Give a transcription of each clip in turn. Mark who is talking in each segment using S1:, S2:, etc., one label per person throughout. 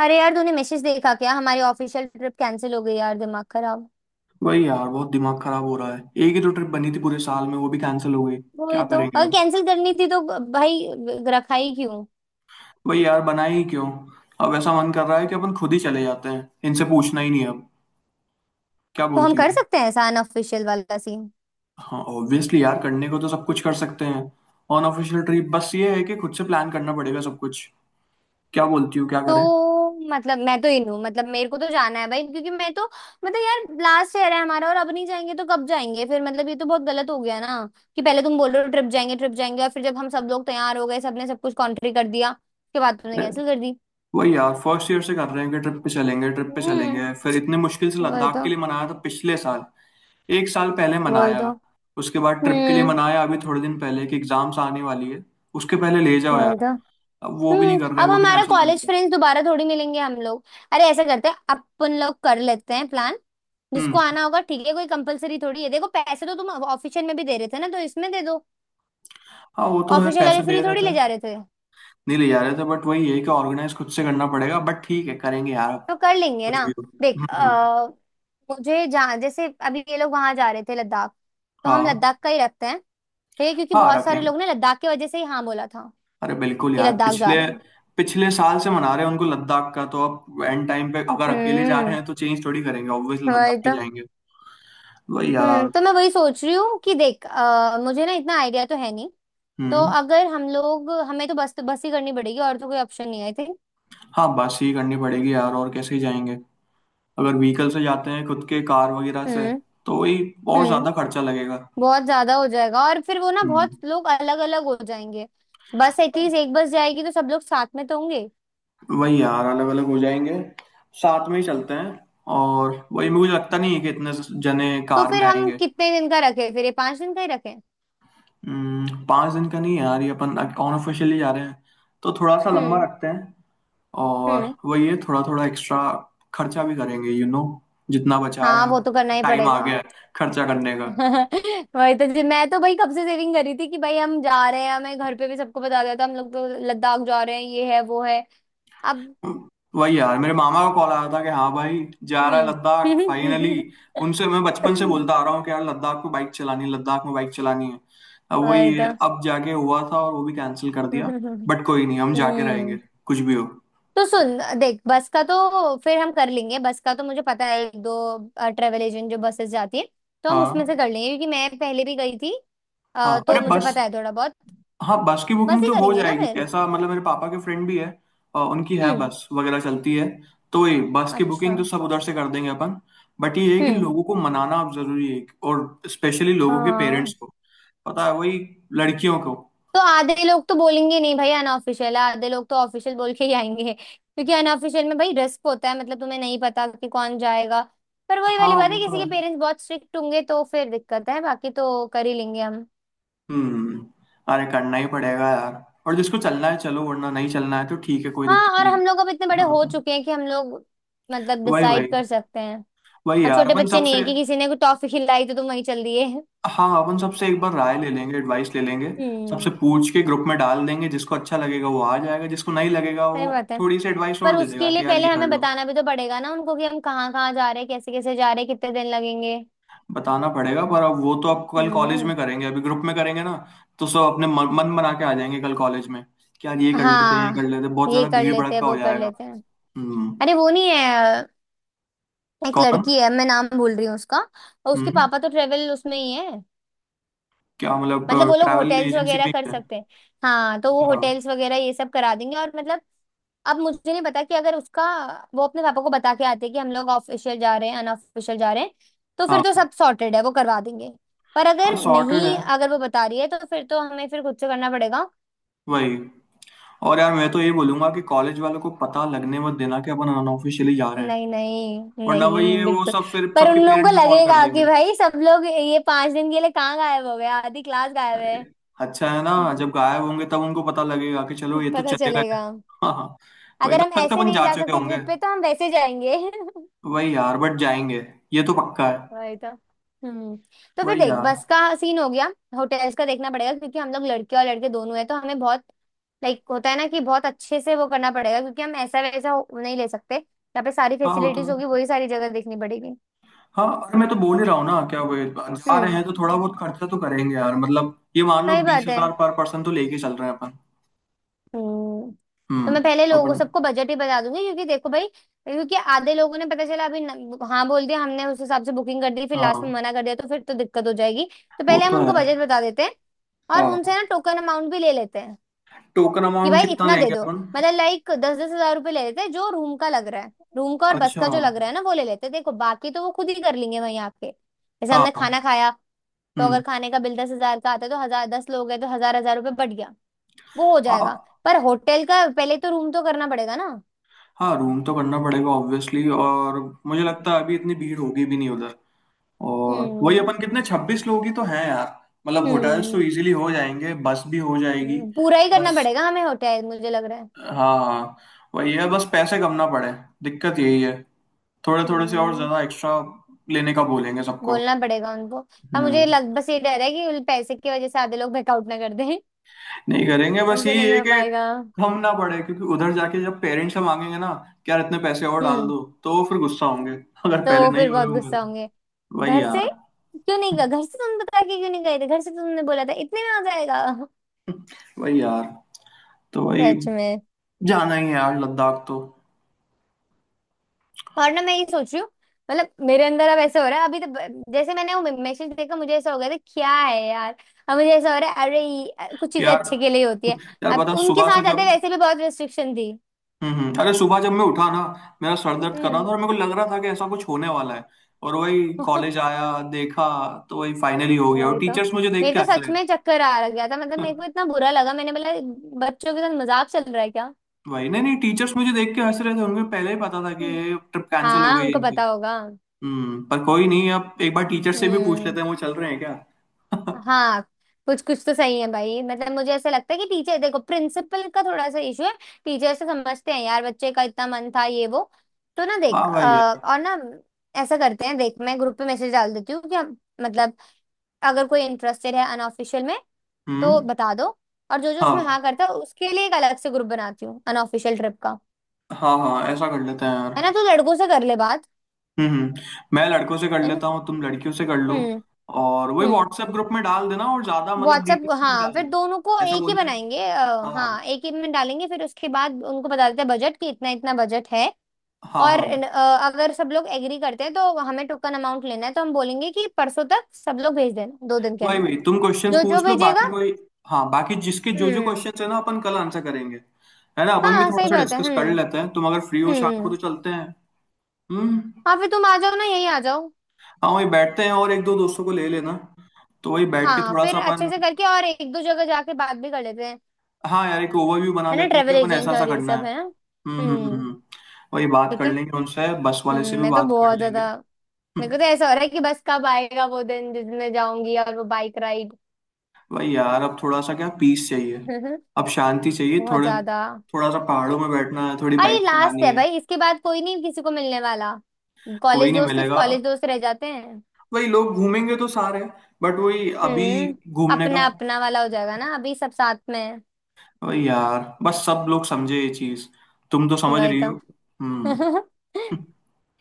S1: अरे यार, तूने मैसेज देखा क्या? हमारी ऑफिशियल ट्रिप कैंसिल हो गई यार, दिमाग खराब।
S2: वही यार बहुत दिमाग खराब हो रहा है। एक ही तो ट्रिप बनी थी पूरे साल में, वो भी कैंसिल हो गई।
S1: वही
S2: क्या
S1: तो,
S2: करेंगे
S1: अगर
S2: अब।
S1: कैंसिल करनी थी तो भाई रखा ही क्यों।
S2: वही यार, बनाए ही क्यों। अब ऐसा मन कर रहा है कि अपन खुद ही चले जाते हैं, इनसे पूछना ही नहीं है अब। क्या
S1: तो हम
S2: बोलती
S1: कर
S2: हो।
S1: सकते हैं ऐसा अनऑफिशियल वाला सीन?
S2: हाँ ऑब्वियसली यार, करने को तो सब कुछ कर सकते हैं। अनऑफिशियल ट्रिप बस ये है कि खुद से प्लान करना पड़ेगा सब कुछ। क्या बोलती हो, क्या करें।
S1: तो, मतलब मैं तो इन हूँ, मतलब मेरे को तो जाना है भाई, क्योंकि मैं तो। मतलब यार लास्ट ईयर है हमारा, और अब नहीं जाएंगे तो कब जाएंगे फिर, मतलब ये तो बहुत गलत हो गया ना। कि पहले तुम बोल रहे हो ट्रिप जाएंगे ट्रिप जाएंगे, और फिर जब हम सब लोग तैयार हो गए, सबने सब कुछ कॉन्ट्री कर दिया, उसके बाद तुमने
S2: अरे
S1: कैंसिल कर दी।
S2: वही यार, फर्स्ट ईयर से कर रहे हैं कि ट्रिप पे चलेंगे ट्रिप पे
S1: हम्म।
S2: चलेंगे। फिर इतने मुश्किल से
S1: वही
S2: लद्दाख
S1: तो।
S2: के लिए मनाया था पिछले साल। एक साल पहले
S1: वही
S2: मनाया,
S1: तो।
S2: उसके बाद ट्रिप के लिए
S1: हम्म।
S2: मनाया अभी थोड़े दिन पहले कि एग्जाम्स आने वाली है, उसके पहले ले जाओ यार।
S1: वही तो।
S2: अब वो भी नहीं कर रहे हैं,
S1: अब
S2: वो भी
S1: हमारा
S2: कैंसिल कर
S1: कॉलेज
S2: दिया।
S1: फ्रेंड्स दोबारा थोड़ी मिलेंगे हम लोग। अरे ऐसा करते हैं, अपन लोग कर लेते हैं प्लान।
S2: हम्म।
S1: जिसको आना होगा ठीक है, कोई कंपलसरी थोड़ी है, देखो पैसे तो तुम ऑफिशियल में भी दे रहे थे ना, तो इसमें दे दो।
S2: हाँ वो तो है,
S1: ऑफिशियल वाले
S2: पैसे
S1: फ्री
S2: दे रहे
S1: थोड़ी
S2: थे।
S1: ले जा रहे थे।
S2: नहीं ले जा रहे थे, बट वही है कि ऑर्गेनाइज खुद से करना पड़ेगा। बट ठीक है, करेंगे यार अब।
S1: तो कर लेंगे
S2: कुछ
S1: ना।
S2: भी हो।
S1: देख
S2: हम्म।
S1: मुझे जहाँ, जैसे अभी ये लोग वहां जा रहे थे लद्दाख, तो हम
S2: हाँ।
S1: लद्दाख का ही रखते हैं ठीक है, क्योंकि
S2: हाँ
S1: बहुत सारे
S2: रखेंगे।
S1: लोग ने लद्दाख की वजह से ही हाँ बोला था,
S2: अरे बिल्कुल
S1: कि
S2: यार,
S1: लद्दाख जा
S2: पिछले
S1: रहे हैं।
S2: पिछले साल से मना रहे हैं उनको लद्दाख का। तो अब एंड टाइम पे अगर अकेले जा रहे
S1: हम्म।
S2: हैं तो चेंज थोड़ी करेंगे, ऑब्वियसली लद्दाख
S1: वही
S2: ही
S1: तो।
S2: जाएंगे। वही यार।
S1: तो मैं वही सोच रही हूँ कि देख मुझे ना इतना आइडिया तो है नहीं। तो
S2: हम्म।
S1: अगर हम लोग, हमें तो बस बस ही करनी पड़ेगी, और तो कोई ऑप्शन नहीं है आई थिंक।
S2: हाँ बस ही करनी पड़ेगी यार, और कैसे ही जाएंगे। अगर व्हीकल से जाते हैं, खुद के कार वगैरह से,
S1: हम्म।
S2: तो वही, और
S1: हम्म।
S2: ज्यादा खर्चा लगेगा।
S1: बहुत ज्यादा हो जाएगा, और फिर वो ना बहुत
S2: हम्म।
S1: लोग अलग अलग हो जाएंगे। बस एटलीस्ट एक बस जाएगी तो सब लोग साथ में तो होंगे।
S2: वही यार, अलग अलग हो जाएंगे। साथ में ही चलते हैं। और वही, मुझे लगता नहीं है कि इतने जने
S1: तो
S2: कार
S1: फिर
S2: में
S1: हम
S2: आएंगे।
S1: कितने दिन का रखें? फिर ये 5 दिन का ही रखें?
S2: 5 दिन का नहीं है यार, ये अपन अनऑफिशियली जा रहे हैं तो थोड़ा सा लंबा
S1: हम्म।
S2: रखते हैं। और
S1: हम्म।
S2: वही है, थोड़ा थोड़ा एक्स्ट्रा खर्चा भी करेंगे जितना बचा
S1: हाँ
S2: है
S1: वो
S2: अब,
S1: तो करना ही
S2: टाइम आ
S1: पड़ेगा।
S2: गया है खर्चा करने का।
S1: वही तो जी, मैं तो भाई कब से सेविंग करी थी कि भाई हम जा रहे हैं, हमें घर पे भी सबको बता दिया था हम लोग तो लद्दाख जा रहे हैं, ये है वो है। अब।
S2: वही यार, मेरे मामा का कॉल आया था कि हाँ भाई जा रहा है लद्दाख फाइनली।
S1: हम्म।
S2: उनसे मैं बचपन से बोलता आ रहा हूँ कि यार लद्दाख में बाइक चलानी है, लद्दाख में बाइक चलानी है। अब वही
S1: वही
S2: है,
S1: तो।
S2: अब जाके हुआ था और वो भी कैंसिल कर दिया।
S1: हम्म
S2: बट कोई नहीं, हम जाके रहेंगे, कुछ भी हो।
S1: तो सुन देख, बस का तो फिर हम कर लेंगे, बस का तो मुझे पता है, एक दो ट्रेवल एजेंट जो बसेस जाती है, तो हम उसमें
S2: हाँ।
S1: से कर लेंगे क्योंकि मैं पहले भी गई थी।
S2: हाँ
S1: तो
S2: अरे
S1: मुझे
S2: बस,
S1: पता है थोड़ा बहुत।
S2: हाँ बस की
S1: बस
S2: बुकिंग
S1: ही
S2: तो हो
S1: करेंगे ना
S2: जाएगी,
S1: फिर?
S2: ऐसा मतलब मेरे पापा के फ्रेंड भी है। उनकी है,
S1: हम्म।
S2: बस वगैरह चलती है। तो ये बस की बुकिंग
S1: अच्छा।
S2: तो सब उधर से कर देंगे अपन। बट ये है कि
S1: हम्म।
S2: लोगों को मनाना अब जरूरी है, और स्पेशली लोगों के
S1: हाँ।
S2: पेरेंट्स को। पता है वही, लड़कियों को।
S1: तो आधे लोग तो बोलेंगे नहीं भाई, अनऑफिशियल है, आधे लोग तो ऑफिशियल बोल के ही आएंगे, क्योंकि अनऑफिशियल में भाई रिस्क होता है, मतलब तुम्हें नहीं पता कि कौन जाएगा। पर वही वाली
S2: हाँ
S1: बात है,
S2: वो
S1: किसी
S2: तो
S1: के
S2: है।
S1: पेरेंट्स बहुत स्ट्रिक्ट होंगे तो फिर दिक्कत है, बाकी तो कर ही लेंगे हम।
S2: हम्म। अरे करना ही पड़ेगा यार। और जिसको चलना है चलो, वरना नहीं चलना है तो ठीक है, कोई
S1: हाँ,
S2: दिक्कत
S1: और
S2: नहीं है।
S1: हम लोग अब इतने बड़े
S2: अपना
S1: हो
S2: अपना।
S1: चुके हैं कि हम लोग मतलब
S2: वही
S1: डिसाइड
S2: वही।
S1: कर सकते हैं।
S2: वही
S1: अब
S2: यार,
S1: छोटे
S2: अपन
S1: बच्चे नहीं
S2: सबसे,
S1: है कि किसी ने कोई टॉफी खिलाई तो तुम वहीं चल दिए।
S2: हाँ अपन सबसे एक बार राय ले लेंगे, एडवाइस ले लेंगे। सबसे
S1: हम्म।
S2: पूछ के ग्रुप में डाल देंगे, जिसको अच्छा लगेगा वो आ जाएगा, जिसको नहीं लगेगा
S1: सही
S2: वो
S1: बात है।
S2: थोड़ी सी एडवाइस और
S1: पर
S2: दे देगा
S1: उसके लिए
S2: कि यार
S1: पहले
S2: ये कर
S1: हमें
S2: लो।
S1: बताना भी तो पड़ेगा ना उनको, कि हम कहाँ कहाँ जा रहे हैं, कैसे कैसे जा रहे हैं, कितने दिन लगेंगे।
S2: बताना पड़ेगा, पर अब वो तो अब कल कॉलेज
S1: हम्म।
S2: में करेंगे, अभी ग्रुप में करेंगे ना। तो सब अपने मन बना के आ जाएंगे कल कॉलेज में कि यार ये कर लेते हैं, ये कर
S1: हाँ,
S2: लेते हैं। बहुत
S1: ये
S2: ज्यादा
S1: कर
S2: भीड़
S1: लेते
S2: भड़क
S1: हैं,
S2: का हो
S1: वो कर
S2: जाएगा।
S1: लेते हैं।
S2: हम्म।
S1: अरे वो नहीं है, एक
S2: कौन।
S1: लड़की है, मैं नाम भूल रही हूँ उसका, और उसके
S2: हम्म।
S1: पापा तो ट्रेवल उसमें ही है।
S2: क्या मतलब,
S1: मतलब वो लोग
S2: ट्रैवल
S1: होटेल्स
S2: एजेंसी
S1: वगैरह
S2: में ही
S1: कर
S2: है।
S1: सकते हैं। हाँ, तो वो
S2: अच्छा।
S1: होटेल्स वगैरह ये सब करा देंगे, और मतलब। अब मुझे नहीं पता कि अगर उसका, वो अपने पापा को बता के आते हैं कि हम लोग ऑफिशियल जा रहे हैं, अनऑफिशियल जा रहे हैं, तो फिर तो
S2: हाँ।
S1: सब सॉर्टेड है, वो करवा देंगे। पर
S2: हाँ
S1: अगर
S2: सॉर्टेड
S1: नहीं,
S2: है।
S1: अगर वो बता रही है तो फिर तो हमें फिर खुद से करना पड़ेगा।
S2: वही। और यार मैं तो ये बोलूंगा कि कॉलेज वालों को पता लगने मत देना कि अपन अनऑफिशियली जा रहे हैं,
S1: नहीं नहीं
S2: वरना वही
S1: नहीं,
S2: है, वो
S1: बिल्कुल।
S2: सब फिर
S1: पर उन
S2: सबके
S1: लोगों को
S2: पेरेंट्स को कॉल कर
S1: लगेगा
S2: देंगे।
S1: कि भाई सब लोग ये 5 दिन के लिए कहाँ गायब हो गया, आधी क्लास गायब
S2: अरे
S1: है।
S2: अच्छा है ना, जब गायब होंगे तब उनको पता लगेगा कि चलो ये तो
S1: पता
S2: चले गए।
S1: चलेगा।
S2: हाँ हाँ। वही,
S1: अगर
S2: तब
S1: हम
S2: तक तो
S1: ऐसे
S2: अपन
S1: नहीं
S2: जा
S1: जा
S2: चुके
S1: सकते
S2: होंगे।
S1: ट्रिप पे तो हम वैसे जाएंगे।
S2: वही यार, बट जाएंगे, ये तो पक्का है।
S1: वही तो। हम्म तो फिर
S2: वही
S1: देख,
S2: यार।
S1: बस का सीन हो गया। होटल्स का देखना पड़ेगा क्योंकि हम लोग लड़के और लड़के दोनों हैं, तो हमें बहुत लाइक होता है ना, कि बहुत अच्छे से वो करना पड़ेगा क्योंकि हम ऐसा वैसा नहीं ले सकते। यहाँ पे सारी
S2: हाँ वो तो।
S1: फैसिलिटीज होगी, वही सारी जगह देखनी पड़ेगी।
S2: हाँ अरे मैं तो बोल ही रहा हूँ ना क्या, वही, जा रहे
S1: हम्म।
S2: हैं तो थोड़ा बहुत खर्चा तो करेंगे यार। मतलब ये मान लो
S1: सही
S2: बीस
S1: बात है।
S2: हजार पर पर्सन तो लेके चल रहे हैं अपन।
S1: हम्म तो मैं
S2: हम्म।
S1: पहले लोगों
S2: अपन।
S1: सबको बजट ही बता दूंगी, क्योंकि देखो भाई, क्योंकि आधे लोगों ने पता चला अभी हाँ बोल दिया, हमने उस हिसाब से बुकिंग कर दी, फिर लास्ट में
S2: हाँ
S1: मना कर दिया तो फिर तो दिक्कत हो जाएगी। तो
S2: वो
S1: पहले हम
S2: तो
S1: उनको
S2: है।
S1: बजट बता देते हैं, और
S2: हाँ
S1: उनसे ना टोकन अमाउंट भी ले लेते हैं,
S2: टोकन
S1: कि
S2: अमाउंट
S1: भाई
S2: कितना
S1: इतना दे
S2: लेंगे
S1: दो।
S2: अपन।
S1: मतलब लाइक दस दस हजार रुपये ले लेते हैं, जो रूम का लग रहा है, रूम का और बस
S2: अच्छा।
S1: का जो लग रहा है ना वो ले लेते हैं, देखो बाकी तो वो खुद ही कर लेंगे वहीं आके जैसे हमने
S2: हाँ।
S1: खाना खाया। तो
S2: हम्म।
S1: अगर खाने का बिल 10 हज़ार का आता है तो हजार, 10 लोग हैं तो हजार हजार रुपये बढ़ गया, वो हो जाएगा।
S2: हाँ।
S1: पर होटल का पहले तो रूम तो करना पड़ेगा ना।
S2: हाँ रूम तो करना पड़ेगा ऑब्वियसली। और मुझे लगता
S1: हम्म।
S2: है अभी इतनी भीड़ होगी भी नहीं उधर। और वही अपन कितने, 26 लोग ही तो हैं यार। मतलब होटल्स तो
S1: हम्म।
S2: इजीली हो जाएंगे, बस भी हो जाएगी।
S1: पूरा ही करना
S2: बस।
S1: पड़ेगा हमें होटल मुझे लग रहा है।
S2: हाँ हाँ। वही है, बस पैसे कम ना पड़े, दिक्कत यही है। थोड़े थोड़े से और
S1: हम्म
S2: ज्यादा एक्स्ट्रा लेने का बोलेंगे सबको।
S1: बोलना पड़ेगा उनको। हाँ मुझे
S2: हम्म।
S1: लग, बस ये डर है कि उन पैसे की वजह से आधे लोग बैकआउट ना कर दें।
S2: नहीं करेंगे, बस
S1: हमसे
S2: ये
S1: नहीं
S2: है
S1: हो पाएगा।
S2: कि हम ना पड़े, क्योंकि उधर जाके जब पेरेंट्स से मांगेंगे ना कि यार इतने पैसे और डाल
S1: हम्म
S2: दो, तो वो फिर गुस्सा होंगे, अगर पहले
S1: तो
S2: नहीं
S1: फिर
S2: हो रहे
S1: बहुत
S2: होंगे
S1: गुस्सा
S2: तो।
S1: होंगे
S2: वही
S1: घर से,
S2: यार।
S1: क्यों नहीं गए घर से, तुम बता के क्यों नहीं गए थे घर से, तो तुमने बोला था इतने में हो जाएगा।
S2: वही यार, तो वही,
S1: सच में।
S2: जाना ही है यार लद्दाख तो।
S1: और ना, मैं ये सोच रही हूँ, मतलब मेरे अंदर अब ऐसा हो रहा है, अभी तो जैसे मैंने वो मैसेज देखा मुझे ऐसा हो गया था, क्या है यार। अब मुझे ऐसा हो रहा है, अरे कुछ चीजें
S2: यार,
S1: अच्छे के लिए ही होती है।
S2: यार
S1: अब
S2: बता,
S1: उनके
S2: सुबह
S1: साथ
S2: से
S1: जाते
S2: जब,
S1: वैसे भी बहुत रेस्ट्रिक्शन थी।
S2: अरे सुबह जब मैं उठा ना, मेरा सर दर्द कर रहा था
S1: हम्म।
S2: और मेरे को लग रहा था कि ऐसा कुछ होने वाला है। और वही कॉलेज आया, देखा, तो वही फाइनली हो गया।
S1: वही
S2: और
S1: तो।
S2: टीचर्स मुझे देख
S1: मेरे
S2: के
S1: तो
S2: हंस
S1: सच
S2: रहे
S1: में चक्कर आ गया था, मतलब
S2: हैं।
S1: मेरे को इतना बुरा लगा, मैंने बोला बच्चों के साथ मजाक चल रहा है क्या।
S2: वही नहीं नहीं, टीचर्स मुझे देख के हंस रहे थे, उनको पहले ही पता था कि
S1: हम्म।
S2: ट्रिप कैंसिल हो
S1: हाँ,
S2: गई है
S1: उनको
S2: इनकी।
S1: पता होगा।
S2: हम्म, पर कोई नहीं, अब एक बार टीचर से भी पूछ
S1: हम्म।
S2: लेते हैं वो चल रहे हैं क्या।
S1: हाँ, कुछ कुछ तो सही है भाई, मतलब मुझे ऐसा लगता है कि टीचर, देखो प्रिंसिपल का थोड़ा सा इशू है, टीचर से समझते हैं यार, बच्चे का इतना मन था, ये वो। तो ना, देख
S2: वाह भाई यार।
S1: और ना, ऐसा करते हैं देख, मैं ग्रुप पे मैसेज डाल देती हूँ कि हम मतलब, अगर कोई इंटरेस्टेड है अनऑफिशियल में तो
S2: हम्म।
S1: बता दो, और जो जो
S2: हाँ।
S1: उसमें हाँ करता है उसके लिए एक अलग से ग्रुप बनाती हूँ, अनऑफिशियल ट्रिप का।
S2: हाँ हाँ ऐसा कर लेते हैं
S1: है
S2: यार।
S1: ना, तो लड़कों से कर ले बात।
S2: हम्म हम्म, मैं लड़कों से कर
S1: है ना।
S2: लेता हूँ, तुम लड़कियों से कर लो।
S1: हम्म।
S2: और वही
S1: हम्म
S2: व्हाट्सएप ग्रुप में डाल देना, और ज्यादा मतलब
S1: व्हाट्सएप।
S2: डिटेल्स मत
S1: हाँ फिर
S2: डालना,
S1: दोनों को
S2: ऐसा
S1: एक ही बनाएंगे,
S2: बोलना। हाँ।
S1: हाँ एक ही में डालेंगे फिर उसके बाद उनको बता देते हैं बजट, कि इतना इतना बजट है।
S2: हाँ
S1: और
S2: हाँ।
S1: अगर सब लोग एग्री करते हैं तो हमें टोकन अमाउंट लेना है, तो हम बोलेंगे कि परसों तक सब लोग भेज देना, 2 दिन के
S2: वही
S1: अंदर,
S2: वही, तुम क्वेश्चंस
S1: जो जो
S2: पूछ लो, बाकी
S1: भेजेगा।
S2: कोई, हाँ बाकी जिसके जो जो
S1: हम्म।
S2: क्वेश्चंस है ना अपन कल आंसर करेंगे। है ना, अपन भी
S1: हाँ
S2: थोड़ा
S1: सही
S2: सा
S1: बात है।
S2: डिस्कस कर
S1: हम्म।
S2: लेते हैं, तुम अगर फ्री हो शाम को तो
S1: हम्म।
S2: चलते हैं। हम्म।
S1: हाँ फिर तुम आ जाओ ना, यही आ जाओ।
S2: हाँ वही बैठते हैं, और एक दो दोस्तों को ले लेना, तो वही बैठ के
S1: हाँ
S2: थोड़ा
S1: फिर
S2: सा
S1: अच्छे
S2: अपन,
S1: से करके और एक दो जगह जाके बात भी कर लेते हैं।
S2: हाँ यार एक ओवरव्यू बना
S1: है ना,
S2: लेते हैं कि
S1: ट्रेवल
S2: अपन ऐसा
S1: एजेंट
S2: ऐसा
S1: और ये
S2: करना है।
S1: सब, है ना।
S2: हम्म हम्म हम्म
S1: हम्म।
S2: हम्म। वही, बात
S1: ठीक
S2: कर
S1: है।
S2: लेंगे उनसे, बस वाले से भी
S1: मैं तो
S2: बात कर
S1: बहुत
S2: लेंगे।
S1: ज्यादा। मेरे
S2: हम्म,
S1: को तो ऐसा हो रहा है कि बस कब आएगा वो दिन जिसमें जाऊंगी, और वो बाइक राइड।
S2: वही यार, अब थोड़ा सा क्या, पीस चाहिए, अब शांति चाहिए
S1: बहुत
S2: थोड़े,
S1: ज्यादा।
S2: थोड़ा सा पहाड़ों में बैठना है, थोड़ी
S1: और ये
S2: बाइक
S1: लास्ट
S2: चलानी
S1: है
S2: है।
S1: भाई, इसके बाद कोई नहीं किसी को मिलने वाला।
S2: कोई
S1: कॉलेज
S2: नहीं
S1: दोस्त सिर्फ
S2: मिलेगा,
S1: कॉलेज दोस्त रह जाते हैं।
S2: वही लोग घूमेंगे तो सारे, बट वही अभी
S1: हम्म
S2: घूमने
S1: अपना
S2: का।
S1: अपना वाला हो जाएगा ना, अभी सब साथ में है।
S2: वही यार, बस सब लोग समझे ये चीज, तुम तो समझ
S1: वही
S2: रही
S1: तो।
S2: हो। हम्म।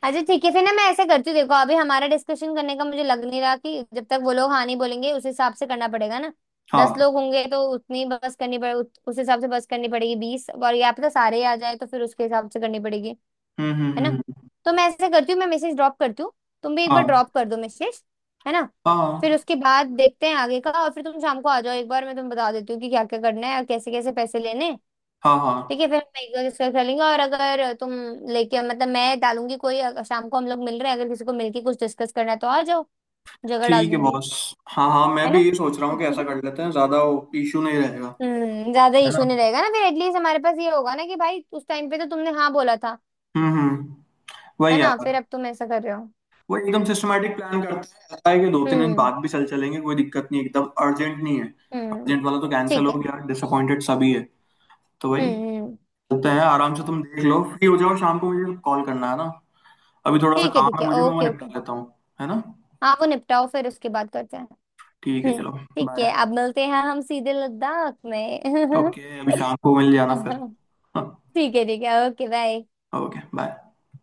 S1: अच्छा ठीक है, फिर ना मैं ऐसे करती हूँ, देखो अभी हमारा डिस्कशन करने का मुझे लग नहीं रहा, कि जब तक वो लोग हाँ नहीं बोलेंगे, उस हिसाब से करना पड़ेगा ना। दस
S2: हाँ।
S1: लोग होंगे तो उतनी बस करनी पड़े, उस हिसाब से बस करनी पड़ेगी, 20, और या फिर सारे ही आ जाए तो फिर उसके हिसाब से करनी पड़ेगी।
S2: हम्म हम्म
S1: है
S2: हम्म,
S1: ना,
S2: हम्म,
S1: तो मैं ऐसे करती हूँ, मैं मैसेज ड्रॉप करती हूँ, तुम भी एक बार
S2: हाँ
S1: ड्रॉप कर दो मैसेज। है ना, फिर
S2: हाँ
S1: उसके बाद देखते हैं आगे का, और फिर तुम शाम को आ जाओ एक बार, मैं तुम्हें बता देती हूँ कि क्या क्या करना है और कैसे कैसे पैसे लेने हैं।
S2: हाँ। हाँ
S1: ठीक है, फिर हम एक बार डिस्कस कर लेंगे, और अगर तुम लेके मतलब मैं डालूंगी कोई, अगर शाम को हम लोग मिल रहे हैं, अगर किसी को मिलके कुछ डिस्कस करना है तो आ जाओ, जगह डाल
S2: ठीक है
S1: दूंगी।
S2: बॉस। हाँ हाँ मैं
S1: है
S2: भी
S1: ना।
S2: ये सोच रहा हूँ कि ऐसा कर लेते हैं, ज्यादा इशू नहीं रहेगा।
S1: ज्यादा
S2: है
S1: इशू
S2: ना।
S1: नहीं रहेगा ना फिर, एटलीस्ट हमारे पास ये होगा ना कि भाई उस टाइम पे तो तुमने हाँ बोला था,
S2: हम्म।
S1: है
S2: वही
S1: ना, फिर
S2: यार।
S1: अब तुम ऐसा कर रहे हो।
S2: वही, एकदम सिस्टमेटिक प्लान करते हैं। ऐसा है कि 2-3 दिन
S1: हम्म।
S2: बाद भी चल चलेंगे, कोई दिक्कत नहीं, एकदम अर्जेंट नहीं है।
S1: हम्म।
S2: अर्जेंट वाला तो कैंसिल
S1: ठीक
S2: हो
S1: है।
S2: गया, डिसअपॉइंटेड सभी है। तो
S1: हम्म।
S2: वही,
S1: हम्म,
S2: होता है। आराम से तुम देख लो, फ्री हो जाओ शाम को, मुझे कॉल करना है ना। अभी थोड़ा सा काम
S1: ठीक
S2: है
S1: है
S2: मुझे, मैं वो
S1: ओके ओके।
S2: निपटा लेता हूँ। है ना,
S1: हाँ वो निपटाओ, फिर उसके बाद करते हैं।
S2: ठीक है
S1: हम्म।
S2: चलो।
S1: ठीक है,
S2: बाय।
S1: अब मिलते हैं हम सीधे लद्दाख में।
S2: ओके अभी शाम को मिल जाना फिर। हाँ।
S1: ठीक है ओके बाय।
S2: Okay bye.